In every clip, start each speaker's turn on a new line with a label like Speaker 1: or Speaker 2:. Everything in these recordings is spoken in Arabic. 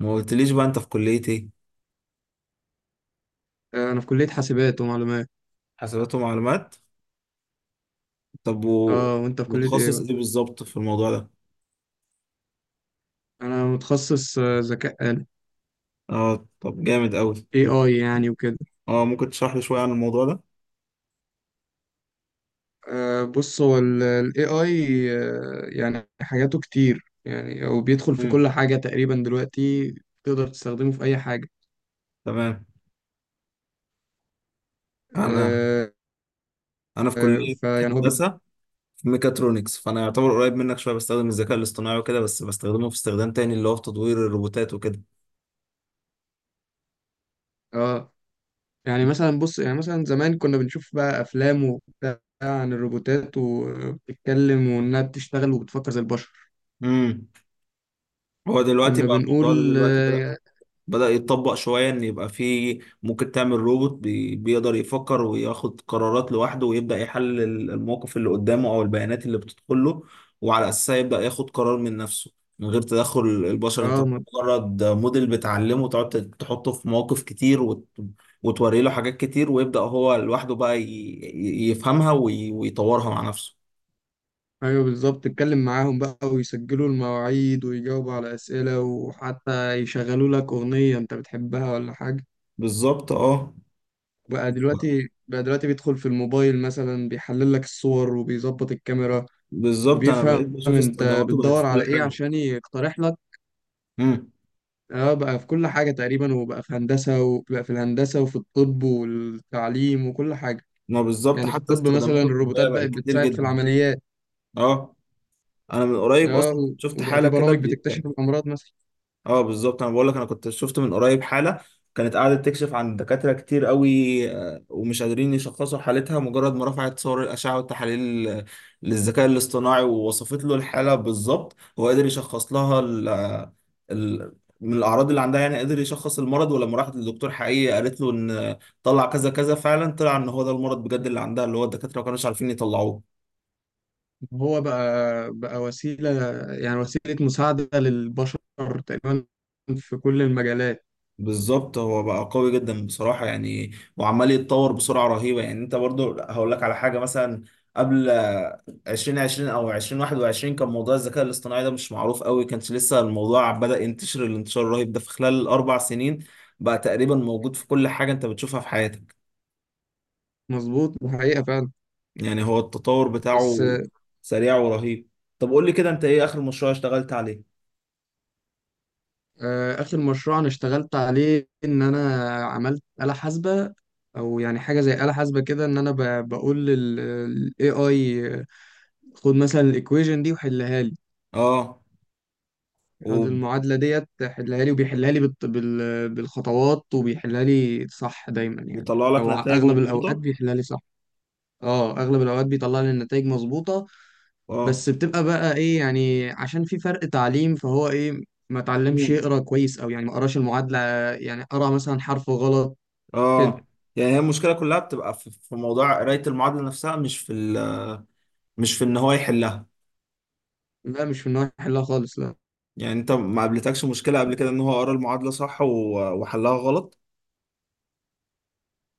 Speaker 1: ما قلتليش بقى انت في كلية ايه؟
Speaker 2: انا في كلية حاسبات ومعلومات.
Speaker 1: حسابات ومعلومات. طب
Speaker 2: اه، وانت في كلية ايه
Speaker 1: متخصص
Speaker 2: بقى؟
Speaker 1: ايه بالظبط في الموضوع ده؟
Speaker 2: انا متخصص ذكاء اي
Speaker 1: اه طب جامد قوي،
Speaker 2: اي يعني وكده.
Speaker 1: اه ممكن تشرح لي شوية عن الموضوع ده؟
Speaker 2: بص، هو الاي اي يعني حاجاته كتير، يعني هو بيدخل في
Speaker 1: امم.
Speaker 2: كل حاجة تقريبا دلوقتي، تقدر تستخدمه في اي حاجة.
Speaker 1: تمام. انا
Speaker 2: آه.
Speaker 1: انا في
Speaker 2: آه،
Speaker 1: كلية
Speaker 2: فيعني هو بي...
Speaker 1: هندسة، في ميكاترونكس، فانا يعتبر قريب منك شوية، بستخدم الذكاء الاصطناعي وكده، بس بستخدمه في استخدام تاني اللي هو في تطوير الروبوتات وكده.
Speaker 2: اه، يعني مثلا، بص، يعني مثلا زمان كنا بنشوف بقى افلام وبتاع عن الروبوتات وبتتكلم وانها بتشتغل وبتفكر زي البشر،
Speaker 1: امم. هو دلوقتي
Speaker 2: كنا
Speaker 1: بقى الموضوع ده
Speaker 2: بنقول
Speaker 1: دلوقتي
Speaker 2: اه.
Speaker 1: بدأ يتطبق شوية، إن يبقى في ممكن تعمل روبوت بيقدر يفكر وياخد قرارات لوحده، ويبدأ يحلل الموقف اللي قدامه أو البيانات اللي بتدخل له، وعلى أساسها يبدأ ياخد قرار من نفسه من غير تدخل البشر. أنت
Speaker 2: آه،
Speaker 1: مجرد موديل بتعلمه، تقعد تحطه في مواقف كتير، وتوري له حاجات كتير، ويبدأ هو لوحده بقى يفهمها ويطورها مع نفسه.
Speaker 2: ايوه بالظبط، اتكلم معاهم بقى ويسجلوا المواعيد ويجاوبوا على اسئله، وحتى يشغلوا لك اغنيه انت بتحبها ولا حاجه.
Speaker 1: بالظبط اه.
Speaker 2: بقى دلوقتي بيدخل في الموبايل مثلا، بيحلل لك الصور وبيظبط الكاميرا،
Speaker 1: بالظبط أنا
Speaker 2: وبيفهم
Speaker 1: بقيت بشوف
Speaker 2: انت
Speaker 1: استخداماته بقت
Speaker 2: بتدور
Speaker 1: في
Speaker 2: على
Speaker 1: كل
Speaker 2: ايه
Speaker 1: حاجة.
Speaker 2: عشان يقترح لك.
Speaker 1: مم.
Speaker 2: اه، بقى في كل حاجه تقريبا، وبقى في هندسه، وبقى في الهندسه وفي الطب والتعليم وكل حاجه.
Speaker 1: ما بالظبط،
Speaker 2: يعني في
Speaker 1: حتى
Speaker 2: الطب مثلا
Speaker 1: استخداماته
Speaker 2: الروبوتات
Speaker 1: الطبية
Speaker 2: بقت
Speaker 1: بقت كتير
Speaker 2: بتساعد في
Speaker 1: جدا.
Speaker 2: العمليات.
Speaker 1: اه، انا من قريب
Speaker 2: اه
Speaker 1: اصلا كنت شفت
Speaker 2: وبقى
Speaker 1: حالة
Speaker 2: في
Speaker 1: كده
Speaker 2: برامج بتكتشف الامراض مثلا.
Speaker 1: اه بالظبط، انا بقول لك، انا كنت شفت من قريب حالة كانت قاعدة تكشف عن دكاترة كتير قوي، ومش قادرين يشخصوا حالتها، مجرد ما رفعت صور الأشعة والتحاليل للذكاء الاصطناعي ووصفت له الحالة بالظبط، هو قدر يشخص لها ال... من الأعراض اللي عندها، يعني قدر يشخص المرض، ولما راحت للدكتور حقيقي قالت له إن طلع كذا كذا، فعلا طلع إن هو ده المرض بجد اللي عندها، اللي هو الدكاترة ما كانوش عارفين يطلعوه.
Speaker 2: هو بقى وسيلة، يعني وسيلة مساعدة للبشر تقريبا في كل المجالات.
Speaker 1: بالظبط، هو بقى قوي جدا بصراحة يعني، وعمال يتطور بسرعة رهيبة. يعني انت برضو هقول لك على حاجة، مثلا قبل 2020 او 2021 كان موضوع الذكاء الاصطناعي ده مش معروف قوي، كانش لسه الموضوع بدأ ينتشر الانتشار الرهيب ده، في خلال ال4 سنين بقى تقريبا موجود في كل حاجة انت بتشوفها في حياتك.
Speaker 2: مظبوط وحقيقة فعلا.
Speaker 1: يعني هو التطور
Speaker 2: بس
Speaker 1: بتاعه سريع ورهيب. طب قول لي كده، انت ايه اخر مشروع اشتغلت عليه؟
Speaker 2: آخر مشروع أنا اشتغلت عليه إن أنا عملت آلة حاسبة، أو يعني حاجة زي آلة حاسبة كده، إن أنا بقول لل AI: خد مثلا الإيكويجن دي وحلها لي،
Speaker 1: اه.
Speaker 2: خد
Speaker 1: وبيطلع
Speaker 2: المعادلة ديت حلها لي. وبيحلها لي بالخطوات، وبيحلها لي صح دايما يعني،
Speaker 1: لك
Speaker 2: أو
Speaker 1: نتائج
Speaker 2: أغلب الأوقات
Speaker 1: مظبوطة.
Speaker 2: بيحلها لي صح. اه اغلب الاوقات بيطلع لي النتائج مظبوطه،
Speaker 1: اه.
Speaker 2: بس بتبقى بقى ايه، يعني عشان في فرق تعليم، فهو ايه، ما اتعلمش يقرا كويس، او يعني ما قراش المعادله، يعني قرا مثلا حرف غلط كده.
Speaker 1: اه يعني هي المشكله كلها بتبقى في موضوع قرايه المعادله نفسها، مش في مش في ان هو يحلها.
Speaker 2: لا، مش في النوع يحلها خالص، لا.
Speaker 1: يعني انت ما قابلتكش مشكله قبل كده ان هو قرا المعادله صح وحلها غلط؟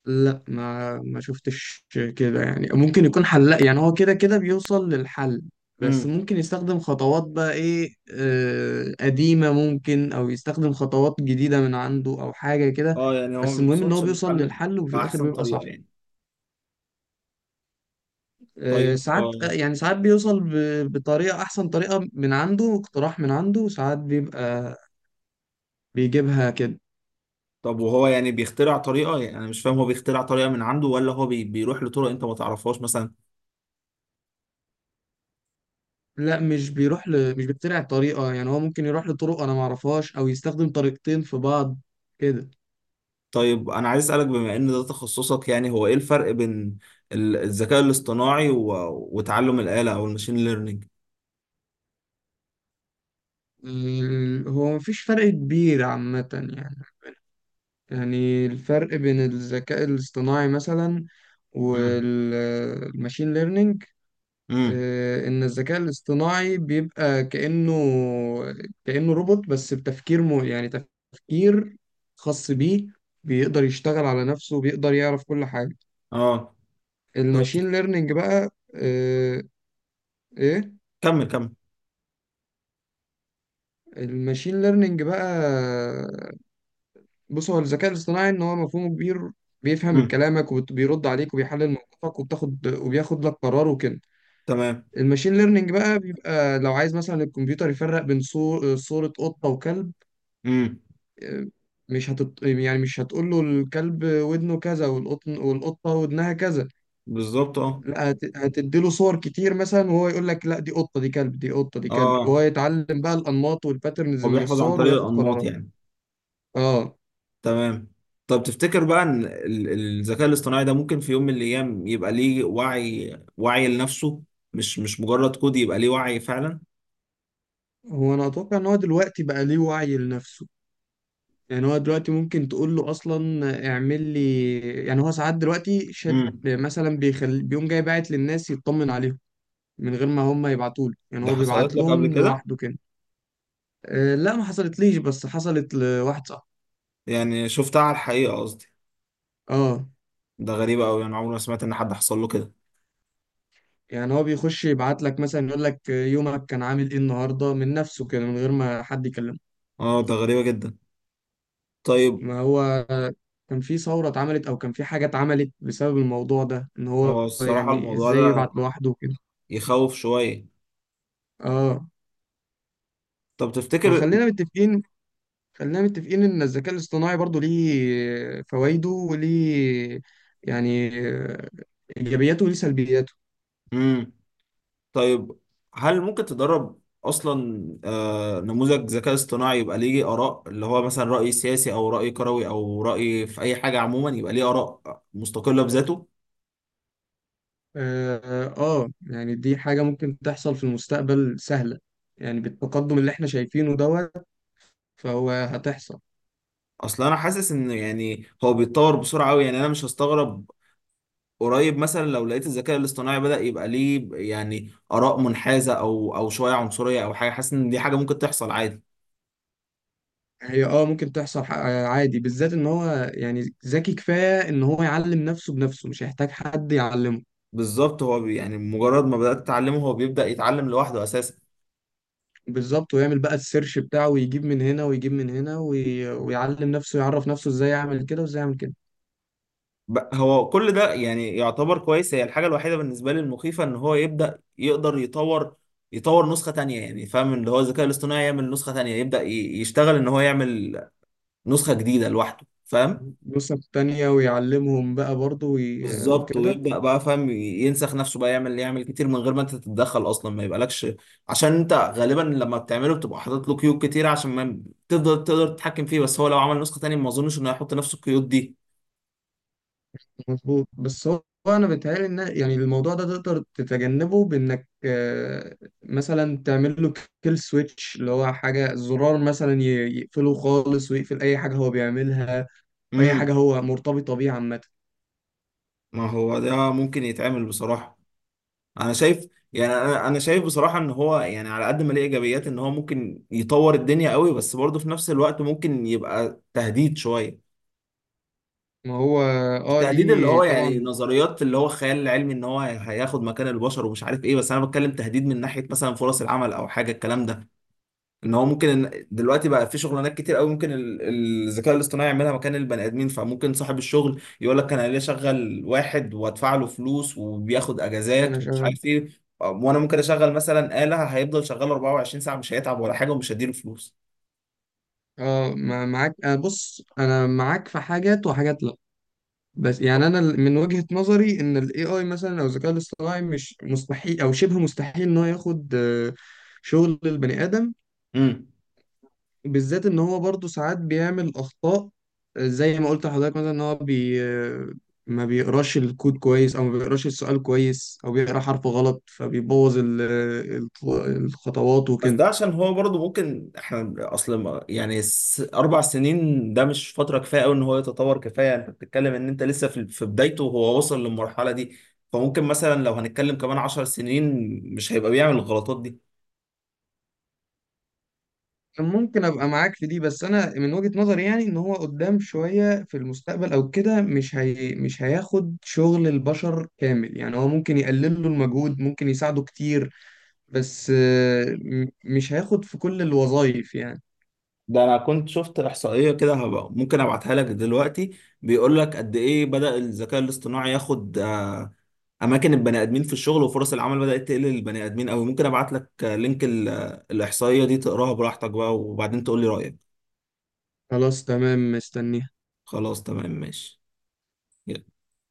Speaker 2: لا، ما شفتش كده، يعني ممكن يكون حلاق، يعني هو كده كده بيوصل للحل، بس
Speaker 1: امم.
Speaker 2: ممكن يستخدم خطوات بقى ايه آه قديمه ممكن، او يستخدم خطوات جديده من عنده او حاجه كده.
Speaker 1: اه يعني هو ما
Speaker 2: بس المهم ان هو
Speaker 1: بيوصلش
Speaker 2: بيوصل
Speaker 1: للحل
Speaker 2: للحل وفي الاخر
Speaker 1: باحسن
Speaker 2: بيبقى صح.
Speaker 1: طريقه يعني. طيب.
Speaker 2: ساعات، يعني ساعات بيوصل بطريقة أحسن، طريقة من عنده، اقتراح من عنده، وساعات بيبقى بيجيبها كده.
Speaker 1: طب وهو يعني بيخترع طريقه؟ يعني انا مش فاهم، هو بيخترع طريقه من عنده، ولا هو بيروح لطرق انت ما تعرفهاش مثلا؟
Speaker 2: لا مش بيروح ل... مش بيخترع الطريقة، يعني هو ممكن يروح لطرق أنا معرفهاش، أو يستخدم طريقتين في بعض كده.
Speaker 1: طيب انا عايز اسالك، بما ان ده تخصصك، يعني هو ايه الفرق بين الذكاء الاصطناعي وتعلم الاله او الماشين ليرنينج؟
Speaker 2: هو مفيش فرق كبير عامة يعني. يعني الفرق بين الذكاء الاصطناعي مثلا والماشين ليرنينج،
Speaker 1: امم.
Speaker 2: ان الذكاء الاصطناعي بيبقى كأنه روبوت بس بتفكير يعني تفكير خاص بيه، بيقدر يشتغل على نفسه، بيقدر يعرف كل حاجة.
Speaker 1: اه. طب
Speaker 2: الماشين ليرنينج بقى، ايه،
Speaker 1: كمل، كمل.
Speaker 2: الماشين ليرنينج بقى، بص هو الذكاء الاصطناعي ان هو مفهومه كبير، بيفهم
Speaker 1: امم.
Speaker 2: كلامك وبيرد عليك وبيحلل موقفك وبتاخد وبياخد لك قرار وكده.
Speaker 1: تمام.
Speaker 2: الماشين ليرنينج بقى بيبقى لو عايز مثلا الكمبيوتر يفرق بين صورة قطة وكلب،
Speaker 1: امم.
Speaker 2: مش هتط... يعني مش هتقول له الكلب ودنه كذا والقطن والقطة ودنها كذا،
Speaker 1: بالظبط اه.
Speaker 2: لا هتديله صور كتير مثلا، وهو يقول لك لا دي قطة دي كلب دي قطة دي كلب،
Speaker 1: اه،
Speaker 2: وهو يتعلم بقى الأنماط والباترنز
Speaker 1: هو
Speaker 2: من
Speaker 1: بيحفظ عن
Speaker 2: الصور
Speaker 1: طريق
Speaker 2: وياخد
Speaker 1: الانماط
Speaker 2: قرارات.
Speaker 1: يعني.
Speaker 2: اه،
Speaker 1: تمام. طب تفتكر بقى ان الذكاء الاصطناعي ده ممكن في يوم من الايام يبقى ليه وعي، وعي لنفسه، مش مجرد كود، يبقى ليه وعي فعلا؟
Speaker 2: هو انا اتوقع ان هو دلوقتي بقى ليه وعي لنفسه. يعني هو دلوقتي ممكن تقول له اصلا اعمل لي، يعني هو ساعات دلوقتي شاد
Speaker 1: امم.
Speaker 2: مثلا، بيقوم جاي باعت للناس يطمن عليهم من غير ما هم يبعتوا له، يعني
Speaker 1: ده
Speaker 2: هو
Speaker 1: حصلت
Speaker 2: بيبعت
Speaker 1: لك قبل
Speaker 2: لهم
Speaker 1: كده؟
Speaker 2: لوحده كده. لا ما حصلتليش، بس حصلت لواحد صاحبي.
Speaker 1: يعني شفتها على الحقيقة قصدي.
Speaker 2: اه.
Speaker 1: ده غريبة قوي، انا عمري ما سمعت ان حد حصل له كده.
Speaker 2: يعني هو بيخش يبعت لك مثلا يقول لك يومك كان عامل ايه النهارده، من نفسه كده من غير ما حد يكلمه.
Speaker 1: اه ده غريبة جدا. طيب.
Speaker 2: ما هو كان في ثوره اتعملت، او كان في حاجه اتعملت بسبب الموضوع ده، ان هو
Speaker 1: هو الصراحة
Speaker 2: يعني
Speaker 1: الموضوع
Speaker 2: ازاي يبعت
Speaker 1: ده
Speaker 2: لوحده كده.
Speaker 1: يخوف شوية.
Speaker 2: اه.
Speaker 1: طب تفتكر.
Speaker 2: وخلينا متفقين، خلينا متفقين ان الذكاء الاصطناعي برضو ليه فوائده وليه، يعني ايجابياته وليه سلبياته.
Speaker 1: امم. طيب، هل ممكن تدرب اصلا نموذج ذكاء اصطناعي يبقى ليه اراء، اللي هو مثلا راي سياسي او راي كروي او راي في اي حاجه عموما، يبقى ليه اراء مستقله بذاته؟
Speaker 2: يعني دي حاجة ممكن تحصل في المستقبل سهلة، يعني بالتقدم اللي احنا شايفينه دوت فهو هتحصل.
Speaker 1: اصل انا حاسس ان يعني هو بيتطور بسرعه قوي، يعني انا مش هستغرب قريب مثلا لو لقيت الذكاء الاصطناعي بدأ يبقى ليه يعني اراء منحازه او شويه عنصريه او حاجه، حاسس ان دي حاجه ممكن تحصل عادي.
Speaker 2: هي اه ممكن تحصل عادي، بالذات ان هو يعني ذكي كفاية ان هو يعلم نفسه بنفسه، مش هيحتاج حد يعلمه.
Speaker 1: بالظبط. يعني مجرد ما بدأت تتعلمه هو بيبدأ يتعلم لوحده اساسا.
Speaker 2: بالظبط، ويعمل بقى السيرش بتاعه، ويجيب من هنا ويجيب من هنا، ويعلم نفسه، يعرف نسخ نفسه ازاي، يعمل كده وازاي يعمل كده،
Speaker 1: هو كل ده يعني يعتبر كويس، هي الحاجة الوحيدة بالنسبة لي المخيفة ان هو يبدأ يقدر يطور، يطور نسخة تانية. يعني فاهم؟ اللي هو الذكاء الاصطناعي يعمل نسخة تانية، يبدأ يشتغل ان هو يعمل نسخة جديدة لوحده، فاهم؟
Speaker 2: نسخ تانية ويعلمهم بقى برضه
Speaker 1: بالظبط،
Speaker 2: وكده.
Speaker 1: ويبدأ بقى فاهم ينسخ نفسه بقى، يعمل يعمل كتير من غير ما انت تتدخل اصلا، ما يبقالكش. عشان انت غالبا لما بتعمله بتبقى حاطط له قيود كتير عشان ما تفضل تقدر تتحكم فيه، بس هو لو عمل نسخة تانية ما اظنش انه هيحط نفس القيود دي.
Speaker 2: مظبوط بس هو، هو انا بيتهيألي ان يعني الموضوع ده تقدر تتجنبه بانك مثلا تعمل له كيل سويتش، اللي هو حاجه زرار مثلا يقفله خالص، ويقفل اي حاجه هو بيعملها واي حاجه
Speaker 1: امم.
Speaker 2: هو مرتبطه بيه عامه.
Speaker 1: ما هو ده ممكن يتعمل بصراحة. انا شايف، يعني أنا شايف بصراحه ان هو يعني على قد ما ليه ايجابيات ان هو ممكن يطور الدنيا قوي، بس برضه في نفس الوقت ممكن يبقى تهديد شويه.
Speaker 2: ما هو
Speaker 1: مش
Speaker 2: اه
Speaker 1: تهديد اللي
Speaker 2: ليه
Speaker 1: هو يعني
Speaker 2: طبعا.
Speaker 1: نظريات اللي هو الخيال العلمي، ان هو هياخد مكان البشر ومش عارف ايه، بس انا بتكلم تهديد من ناحيه مثلا فرص العمل او حاجه الكلام ده. ان هو ممكن، إن دلوقتي بقى في شغلانات كتير قوي ممكن الذكاء الاصطناعي يعملها مكان البني ادمين، فممكن صاحب الشغل يقول لك انا ليه اشغل واحد وادفع له فلوس وبياخد اجازات
Speaker 2: انا
Speaker 1: ومش
Speaker 2: شغال.
Speaker 1: عارف ايه، وانا ممكن اشغل مثلا آلة هيفضل شغال 24 ساعة، مش هيتعب ولا حاجة ومش هديله فلوس.
Speaker 2: اه، معاك، آه، بص انا معاك في حاجات، وحاجات لا. بس يعني انا من وجهة نظري ان الاي اي مثلا، او الذكاء الاصطناعي، مش مستحيل او شبه مستحيل ان هو ياخد شغل البني ادم،
Speaker 1: امم.
Speaker 2: بالذات ان هو برضه ساعات بيعمل اخطاء، زي ما قلت لحضرتك، مثلا ان هو ما بيقراش الكود كويس، او ما بيقراش السؤال كويس، او بيقرا حرف غلط، فبيبوظ الخطوات
Speaker 1: بس
Speaker 2: وكده.
Speaker 1: ده عشان هو برضه ممكن، احنا اصل يعني 4 سنين ده مش فتره كفايه قوي ان هو يتطور كفايه، انت بتتكلم ان انت لسه في بدايته وهو وصل للمرحله دي، فممكن مثلا لو هنتكلم كمان 10 سنين مش هيبقى بيعمل الغلطات دي.
Speaker 2: ممكن ابقى معاك في دي، بس انا من وجهة نظري يعني ان هو قدام شوية في المستقبل او كده، مش هياخد شغل البشر كامل، يعني هو ممكن يقلل له المجهود، ممكن يساعده كتير، بس مش هياخد في كل الوظائف يعني.
Speaker 1: ده انا كنت شفت احصائيه كده، هبقى ممكن ابعتها لك دلوقتي، بيقول لك قد ايه بدأ الذكاء الاصطناعي ياخد اماكن البني ادمين في الشغل، وفرص العمل بدأت تقل للبني ادمين قوي. ممكن ابعت لك لينك الاحصائيه دي تقراها براحتك بقى، وبعدين تقول لي رأيك.
Speaker 2: خلاص تمام، مستني.
Speaker 1: خلاص تمام ماشي. يلا.